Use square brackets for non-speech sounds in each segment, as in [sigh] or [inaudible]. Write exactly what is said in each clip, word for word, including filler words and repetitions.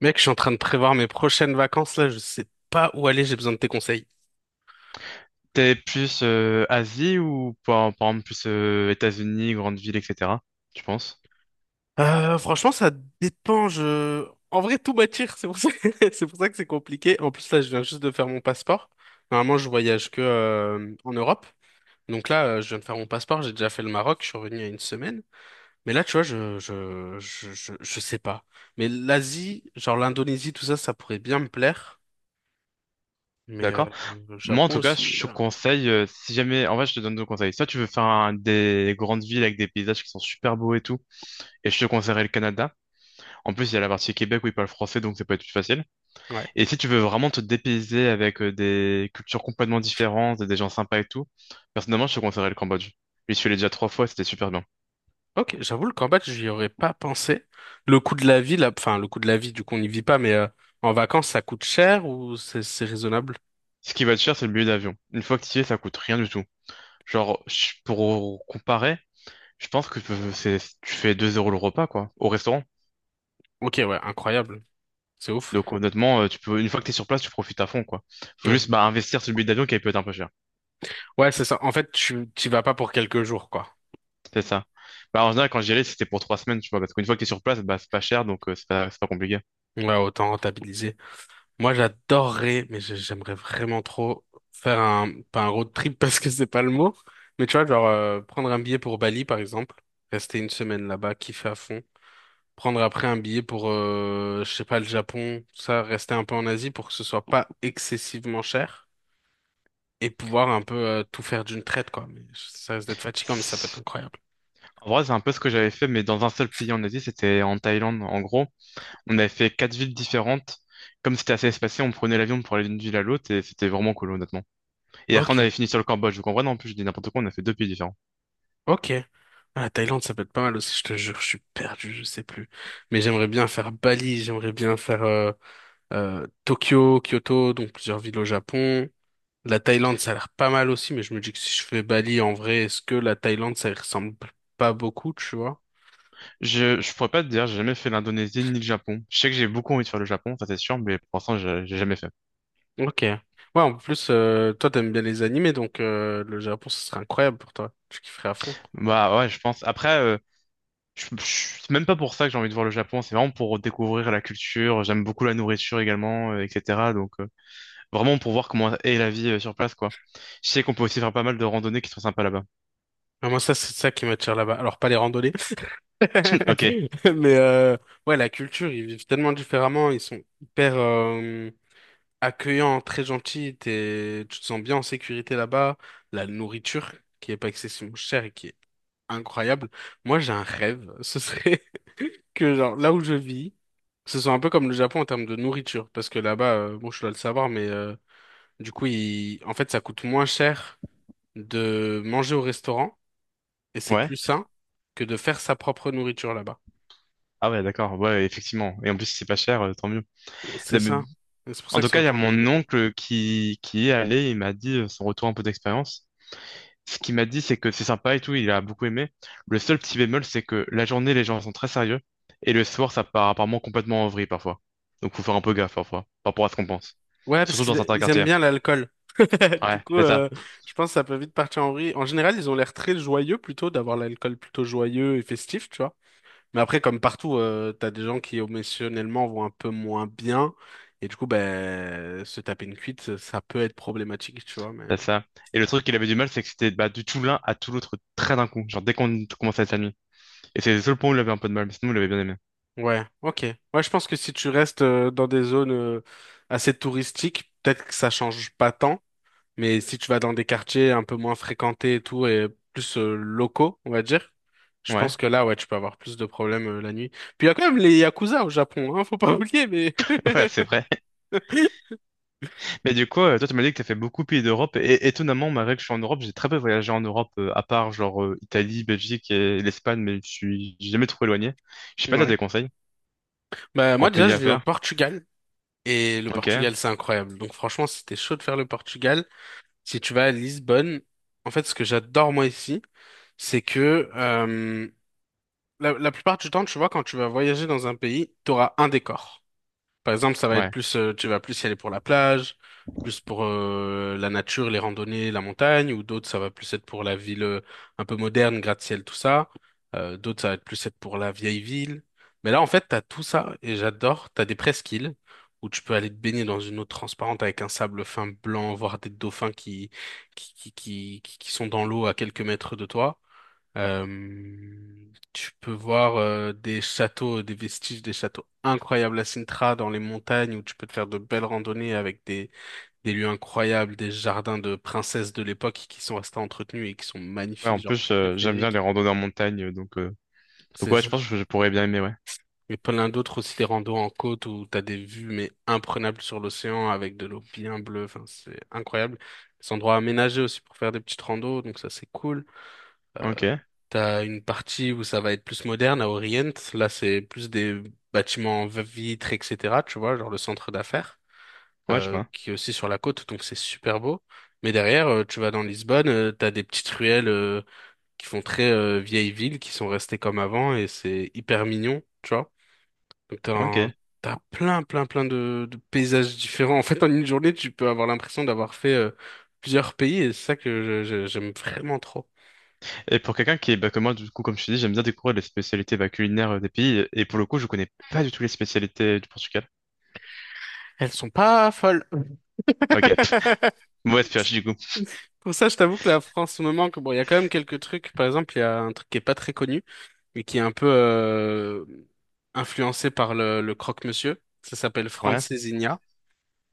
Mec, je suis en train de prévoir mes prochaines vacances là, je sais pas où aller, j'ai besoin de tes conseils. T'es plus euh, Asie ou par, par exemple plus euh, États-Unis, grandes villes, et cetera. Tu penses? Euh, franchement, ça dépend, je... En vrai, tout m'attire, c'est pour ça... [laughs] c'est pour ça que c'est compliqué. En plus, là, je viens juste de faire mon passeport. Normalement, je voyage que euh, en Europe. Donc là, euh, je viens de faire mon passeport, j'ai déjà fait le Maroc, je suis revenu il y a une semaine. Mais là, tu vois, je, je, je, je, je sais pas. Mais l'Asie, genre l'Indonésie, tout ça, ça pourrait bien me plaire. Mais euh, D'accord? le Moi en Japon tout cas, aussi. je te euh, conseille, euh, si jamais, en vrai, je te donne deux conseils. Soit tu veux faire un- des grandes villes avec des paysages qui sont super beaux et tout, et je te conseillerais le Canada. En plus, il y a la partie Québec où ils parlent français, donc ça peut être plus facile. Ouais. Et si tu veux vraiment te dépayser avec euh, des cultures complètement différentes, et des gens sympas et tout, personnellement, je te conseillerais le Cambodge. J'y suis allé déjà trois fois, c'était super bien. Ok, j'avoue, le Cambodge, j'y aurais pas pensé. Le coût de la vie, là, enfin, le coût de la vie, du coup, on n'y vit pas, mais euh, en vacances, ça coûte cher ou c'est c'est raisonnable? Ce qui va te cher, c'est le billet d'avion. Une fois que tu y es, ça coûte rien du tout. Genre, je- pour comparer, je pense que c'est, tu fais deux euros le repas, quoi, au restaurant. Ok, ouais, incroyable. C'est ouf. Donc, honnêtement, euh, tu peux, une fois que t'es sur place, tu profites à fond, quoi. Faut Ouais, juste, bah, investir sur le billet d'avion qui peut être un peu cher. Ouais, c'est ça. En fait, tu t'y vas pas pour quelques jours, quoi. C'est ça. Bah, en général, quand j'y allais, c'était pour trois semaines, tu vois, parce qu'une fois que t'es sur place, bah, c'est pas cher, donc, euh, c'est pas, c'est pas compliqué. Ouais, autant rentabiliser. Moi, j'adorerais, mais j'ai- j'aimerais vraiment trop faire un, pas un road trip [laughs] parce que c'est pas le mot, mais tu vois, genre, euh, prendre un billet pour Bali, par exemple, rester une semaine là-bas, kiffer à fond. Prendre après un billet pour, euh, je sais pas, le Japon, tout ça, rester un peu en Asie pour que ce soit pas excessivement cher et pouvoir un peu euh, tout faire d'une traite, quoi. Mais ça risque d'être fatigant, mais ça peut être incroyable. En vrai, c'est un peu ce que j'avais fait, mais dans un seul pays en Asie, c'était en Thaïlande, en gros. On avait fait quatre villes différentes. Comme c'était assez espacé, on prenait l'avion pour aller d'une ville à l'autre et c'était vraiment cool, honnêtement. Et après, on Ok, avait fini sur le Cambodge. Vous comprenez? En plus, je dis n'importe quoi, on a fait deux pays différents. ok. Ah, la Thaïlande, ça peut être pas mal aussi, je te jure, je suis perdu, je sais plus. Mais j'aimerais bien faire Bali, j'aimerais bien faire euh, euh, Tokyo, Kyoto, donc plusieurs villes au Japon. La Thaïlande, ça a l'air pas mal aussi, mais je me dis que si je fais Bali, en vrai, est-ce que la Thaïlande, ça y ressemble pas beaucoup, tu vois? Je, je pourrais pas te dire, j'ai jamais fait l'Indonésie ni le Japon. Je sais que j'ai beaucoup envie de faire le Japon, ça c'est sûr, mais pour l'instant, j'ai j'ai jamais fait. Ok. Ouais, en plus, euh, toi, t'aimes bien les animés, donc euh, le Japon, ce serait incroyable pour toi. Tu kifferais à fond. Bah ouais, je pense. Après, euh, Je- je- C'est même pas pour ça que j'ai envie de voir le Japon, c'est vraiment pour découvrir la culture, j'aime beaucoup la nourriture également, euh, et cetera. Donc euh, vraiment pour voir comment est la vie euh, sur place, quoi. Je sais qu'on peut aussi faire pas mal de randonnées qui sont sympas là-bas. Ah, moi, ça, c'est ça qui m'attire là-bas. Alors, pas les randonnées, [laughs] [laughs] Ok, mais euh, ouais, la culture, ils vivent tellement différemment. Ils sont hyper euh, accueillants, très gentils. T'es, tu te sens bien en sécurité là-bas. La nourriture, qui est pas excessivement chère et qui est incroyable. Moi, j'ai un rêve. Ce serait [laughs] que, genre, là où je vis, ce soit un peu comme le Japon en termes de nourriture. Parce que là-bas, euh, bon, je dois le savoir, mais... euh, du coup, il- en fait, ça coûte moins cher de manger au restaurant et c'est ouais. plus sain que de faire sa propre nourriture là-bas. Ah ouais, d'accord, ouais, effectivement. Et en plus, si c'est pas cher, euh, tant mieux. Non, C'est mais- ça. Et C'est pour en ça que tout c'est cas, il y a autant mon développé. oncle qui, qui y est allé, il m'a dit euh, son retour un peu d'expérience. Ce qu'il m'a dit, c'est que c'est sympa et tout, il a beaucoup aimé. Le seul petit bémol, c'est que la journée, les gens sont très sérieux, et le soir, ça part apparemment complètement en vrille parfois. Donc faut faire un peu gaffe parfois, par rapport à ce qu'on pense. Ouais, parce Surtout dans qu'ils certains ils aiment quartiers. bien l'alcool. [laughs] Du Ouais, coup, c'est ça, euh, je pense que ça peut vite partir en vrille. En général, ils ont l'air très joyeux plutôt d'avoir l'alcool plutôt joyeux et festif, tu vois. Mais après, comme partout, euh, t'as des gens qui émotionnellement vont un peu moins bien. Et du coup, ben, se taper une cuite, ça peut être problématique, tu vois. Mais. c'est ça. Et le truc qu'il avait du mal, c'est que c'était bah, du tout l'un à tout l'autre très d'un coup, genre dès qu'on commençait à être amis. Et c'est le seul point où il avait un peu de mal, mais sinon, il avait bien aimé. Ouais, ok. Ouais, je pense que si tu restes euh, dans des zones euh, assez touristiques, peut-être que ça change pas tant, mais si tu vas dans des quartiers un peu moins fréquentés et tout, et plus euh, locaux, on va dire, je Ouais, pense que là, ouais, tu peux avoir plus de problèmes euh, la nuit. Puis il y a quand même les Yakuza au Japon, hein, faut pas oublier, mais... [laughs] ouais, c'est vrai. [laughs] Mais du coup, euh, toi, tu m'as dit que tu as fait beaucoup de pays d'Europe. Et étonnamment, malgré que je suis en Europe, j'ai très peu voyagé en Europe, euh, à part genre euh, Italie, Belgique et l'Espagne, mais je suis j'ai jamais trop éloigné. Je sais pas, si t'as des Ouais. conseils Bah en moi déjà, pays je à vis au faire? Portugal, et le Ok, Portugal, c'est incroyable. Donc franchement, si t'es chaud de faire le Portugal, si tu vas à Lisbonne, en fait, ce que j'adore moi ici, c'est que... euh, La, la plupart du temps, tu vois, quand tu vas voyager dans un pays, tu auras un décor. Par exemple, ça va être ouais. plus, euh, tu vas plus y aller pour la plage, plus pour euh, la nature, les randonnées, la montagne, ou d'autres, ça va plus être pour la ville euh, un peu moderne, gratte-ciel, tout ça. Euh, d'autres, ça va être plus être pour la vieille ville. Mais là, en fait, t'as tout ça, et j'adore. T'as des presqu'îles où tu peux aller te baigner dans une eau transparente avec un sable fin blanc, voir des dauphins qui, qui, qui, qui, qui qui sont dans l'eau à quelques mètres de toi. Euh, Tu peux voir euh, des châteaux, des vestiges des châteaux incroyables à Sintra dans les montagnes où tu peux te faire de belles randonnées avec des, des lieux incroyables, des jardins de princesses de l'époque qui sont restés entretenus et qui sont Ouais, en magnifiques, genre plus, euh, j'aime préférés. bien les randonnées en montagne, euh, donc, euh, donc C'est ouais, je ça. pense que je pourrais bien aimer, ouais. Mais plein d'autres aussi, des randos en côte où t'as des vues mais imprenables sur l'océan avec de l'eau bien bleue. Enfin, c'est incroyable. Des endroits aménagés aussi pour faire des petites randos, donc ça c'est cool. Euh, Ok, T'as une partie où ça va être plus moderne à Orient. Là, c'est plus des bâtiments en vitres, et cetera. Tu vois, genre le centre d'affaires, ouais, je euh, vois. qui est aussi sur la côte, donc c'est super beau. Mais derrière, euh, tu vas dans Lisbonne, euh, t'as des petites ruelles, euh, qui font très, euh, vieille ville, qui sont restées comme avant, et c'est hyper mignon, tu vois. Donc t'as Ok. un- Et t'as plein, plein, plein de, de paysages différents. En fait, en une journée, tu peux avoir l'impression d'avoir fait, euh, plusieurs pays, et c'est ça que je- je- j'aime vraiment trop. pour quelqu'un qui est, bah, comme moi, du coup, comme je te dis, j'aime bien découvrir les spécialités bah, culinaires euh, des pays. Et pour le coup, je connais pas du tout les spécialités du Portugal. Elles sont pas folles. Ok, mauvaise pioche du coup. Pour ça, je t'avoue que la France me manque. Bon, il y a quand même quelques trucs. Par exemple, il y a un truc qui est pas très connu, mais qui est un peu euh, influencé par le, le croque-monsieur. Ça s'appelle Ouais, Francesinha.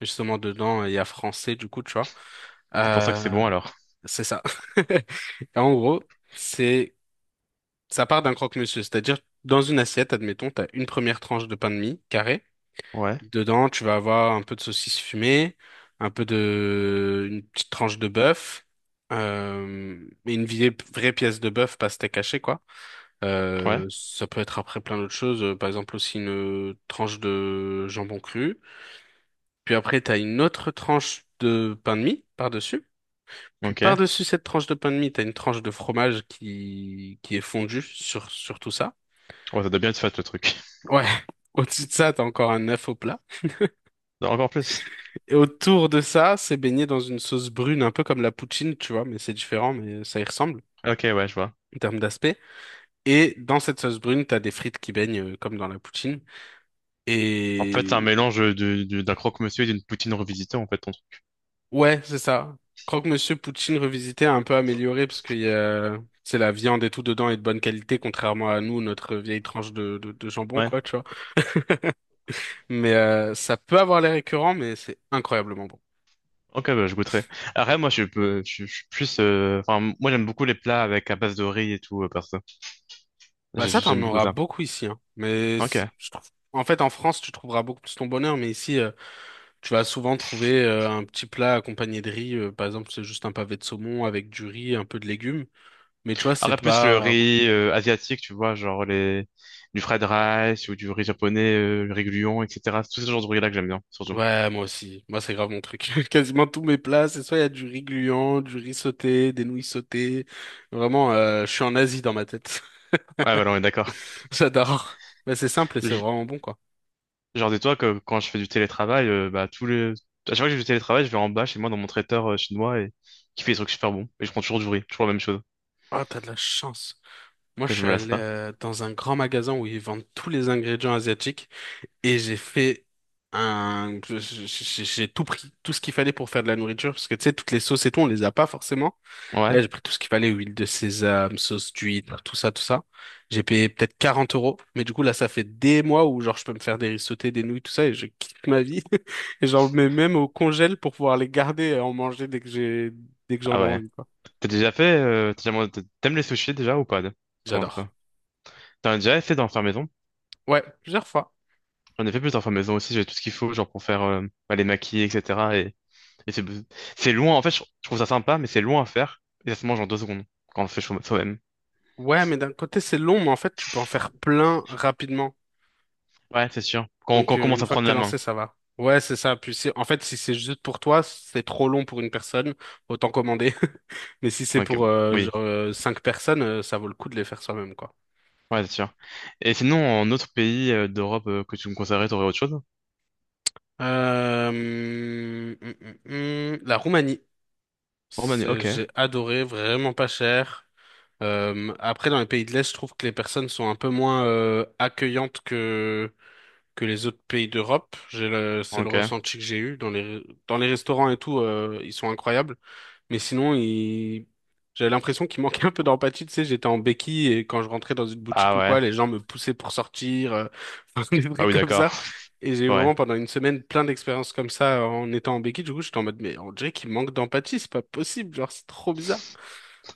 Justement, dedans, il y a français, du coup, tu vois. c'est pour ça que c'est Euh, bon alors. c'est ça. [laughs] Et en gros, c'est ça part d'un croque-monsieur. C'est-à-dire, dans une assiette, admettons, t'as une première tranche de pain de mie carré. Ouais, Dedans, tu vas avoir un peu de saucisse fumée, un peu de, une petite tranche de bœuf, euh, et une vieille- vraie pièce de bœuf, pas steak haché, quoi. ouais, Euh, ça peut être après plein d'autres choses, euh, par exemple aussi une tranche de jambon cru. Puis après, t'as une autre tranche de pain de mie par-dessus. Puis ok. par-dessus cette tranche de pain de mie, t'as une tranche de fromage qui, qui est fondue sur, sur tout ça. Ouais, ça doit bien être fat le truc. [laughs] Ouais. [laughs] Au-dessus de ça, t'as encore un œuf au plat. Non, encore plus. Et autour de ça, c'est baigné dans une sauce brune, un peu comme la poutine, tu vois, mais c'est différent, mais ça y ressemble Ok, ouais, je vois. en termes d'aspect. Et dans cette sauce brune, t'as des frites qui baignent euh, comme dans la poutine. En fait, c'est Et un mélange du- du- d'un croque-monsieur et d'une poutine revisitée, en fait. Ton truc. ouais, c'est ça. Croque-monsieur poutine revisité a un peu amélioré parce qu'il y a, c'est la viande et tout dedans est de bonne qualité, contrairement à nous, notre vieille tranche de, de, de jambon, Ouais. quoi, tu vois. Mais euh, ça peut avoir l'air récurrent, mais c'est incroyablement bon. Ok, bah, je goûterai. Après, moi, je, peux- je, je suis plus. euh, Enfin, moi, j'aime beaucoup les plats avec à base de riz et tout, euh, perso. Bah J'ai- ça, t'en J'aime beaucoup auras ça. beaucoup ici, hein. Mais Ok. c'est- je trouve. En fait, en France, tu trouveras beaucoup plus ton bonheur, mais ici. euh, Tu vas souvent trouver euh, un petit plat accompagné de riz, euh, par exemple, c'est juste un pavé de saumon avec du riz, un peu de légumes. Mais tu vois, c'est Après, plus le pas... riz euh, asiatique, tu vois, genre les du fried rice ou du riz japonais, euh, le riz gluant, et cetera. Tout ce genre de riz-là que j'aime bien, surtout. Ouais, moi aussi. Moi, c'est grave mon truc. [laughs] Quasiment tous mes plats, c'est soit il y a du riz gluant, du riz sauté, des nouilles sautées. Vraiment, euh, je suis en Asie dans ma tête. [laughs] Ouais, voilà, on est d'accord. J'adore. Mais c'est simple et c'est vraiment bon, quoi. Genre, dis-toi que quand je fais du télétravail, euh, bah, tous les... à chaque fois que j'ai du télétravail, je vais en bas chez moi dans mon traiteur euh, chinois et qui fait des trucs super bons. Et je prends toujours du riz, toujours la même chose, Ah, t'as de la chance. Moi, que je je suis me lasse allé pas. euh, dans un grand magasin où ils vendent tous les ingrédients asiatiques. Et j'ai fait un... je- je- je- j'ai tout pris, tout ce qu'il fallait pour faire de la nourriture, parce que tu sais, toutes les sauces et tout, on les a pas forcément. Et là, Ouais? j'ai pris tout ce qu'il fallait, huile de sésame, sauce d'huître, tout ça, tout ça. J'ai payé peut-être quarante euros, mais du coup, là, ça fait des mois où, genre, je peux me faire des riz sautés, des nouilles, tout ça, et je kiffe ma vie. [laughs] Et j'en mets même au congèle pour pouvoir les garder et en manger dès que j'ai, dès que j'en Ah ai ouais. envie, quoi. T'as déjà fait, euh, t'as déjà- mangé- t'aimes les sushis déjà ou pas? de- Avant de J'adore. quoi? T'en as déjà fait d'en faire maison? Ouais, plusieurs fois. J'en ai fait plus d'en faire maison aussi, j'ai tout ce qu'il faut, genre pour faire euh, bah, les maquis, et cetera. Et, et c'est c'est loin, en fait, je je trouve ça sympa, mais c'est loin à faire. Et ça se mange en deux secondes quand on le fait soi- soi-même. Ouais, mais d'un côté, c'est long, mais en fait, tu peux en faire plein rapidement. Ouais, c'est sûr. Quand, quand Donc, on euh, commence une à fois que prendre t'es la main. lancé, ça va. Ouais, c'est ça. Puis, c'est- en fait, si c'est juste pour toi, c'est trop long pour une personne, autant commander. [laughs] Mais si c'est Donc, euh, pour euh, oui. genre, euh, cinq personnes, euh, ça vaut le coup de les faire soi-même, quoi. Ouais, c'est sûr. Et sinon, en autre pays euh, d'Europe euh, que tu me conseillerais, t'aurais autre chose? Euh, hum, hum, hum, hum. la Roumanie, Roumanie, C'est- ok. j'ai adoré, vraiment pas cher. Euh, après, dans les pays de l'Est, je trouve que les personnes sont un peu moins euh, accueillantes que que les autres pays d'Europe. J'ai le- c'est le Ok. ressenti que j'ai eu dans les dans les restaurants et tout, euh, ils sont incroyables. Mais sinon, il... j'avais l'impression qu'il manquait un peu d'empathie. Tu sais, j'étais en béquille et quand je rentrais dans une boutique Ah ou quoi, ouais. les gens me poussaient pour sortir, euh, [laughs] enfin, des Ah trucs oui, comme d'accord. ça. [laughs] Et j'ai eu Ouais. vraiment pendant une semaine plein d'expériences comme ça en étant en béquille. Du coup, j'étais en mode, mais on dirait qu'il manque d'empathie, c'est pas possible, genre, c'est trop bizarre.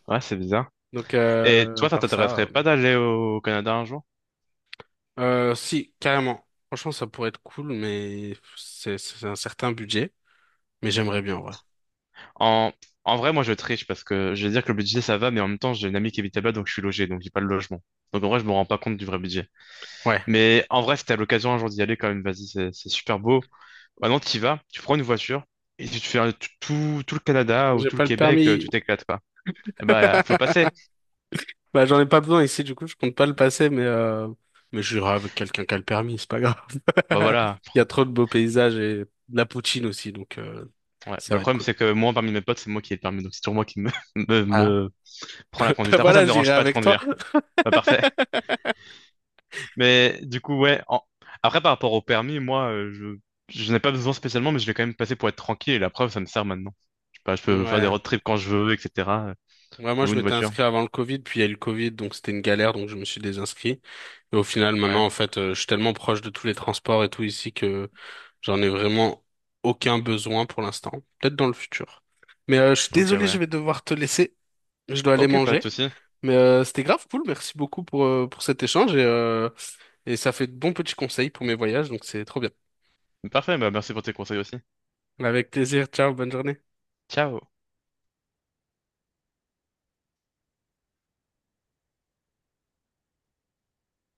Ouais, c'est bizarre. Donc, Et euh, à toi, ça part t'intéresserait ça, pas d'aller au Canada un jour? euh, euh, si, carrément. Franchement, ça pourrait être cool, mais c'est c'est un certain budget. Mais j'aimerais bien, en vrai. En... En vrai, moi, je triche parce que je vais dire que le budget, ça va, mais en même temps, j'ai une amie qui habite là-bas, donc je suis logé, donc j'ai pas le logement. Donc en vrai, je me rends pas compte du vrai budget. Ouais. Mais en vrai, si t'as l'occasion un jour d'y aller, quand même, vas-y, c'est c'est super beau. Maintenant, tu y vas, tu prends une voiture et tu te fais euh, tout, tout tout le Canada ou J'ai tout le pas le Québec, euh, permis. tu t'éclates, quoi. Eh ben, faut le [laughs] passer. Bah, j'en ai pas besoin ici, du coup, je compte pas le passer, mais, euh, mais j'irai avec quelqu'un qui a le permis, c'est pas grave. Bah voilà. Il y a pro- trop de beaux paysages et de la poutine aussi, donc euh, Ouais. Bah, ça le va être problème, cool. c'est que moi, parmi mes potes, c'est moi qui ai le permis. Donc, c'est toujours moi qui me, [laughs] me, Voilà, me prends la [laughs] bah, conduite. Après, ça voilà, me j'irai dérange pas de avec toi. conduire. Pas parfait. [laughs] Mais du coup, ouais. en- Après, par rapport au permis, moi, euh, je, je n'ai pas besoin spécialement, mais je l'ai quand même passé pour être tranquille. Et la preuve, ça me sert maintenant. Je sais pas, je peux faire des Ouais. road trips quand je veux, et cetera. Ouais, moi, Je je loue une m'étais voiture. inscrit avant le Covid, puis il y a eu le Covid, donc c'était une galère, donc je me suis désinscrit. Et au final, Ouais. maintenant, en fait, euh, je suis tellement proche de tous les transports et tout ici que j'en ai vraiment aucun besoin pour l'instant. Peut-être dans le futur. Mais euh, je suis Ok, désolé, je ouais. vais devoir te laisser. Je dois aller Ok, pas de manger. souci. Mais euh, c'était grave cool. Merci beaucoup pour, euh, pour cet échange et, euh, et ça fait de bons petits conseils pour mes voyages, donc c'est trop bien. Parfait. Bah, merci pour tes conseils aussi. Avec plaisir. Ciao, bonne journée. Ciao.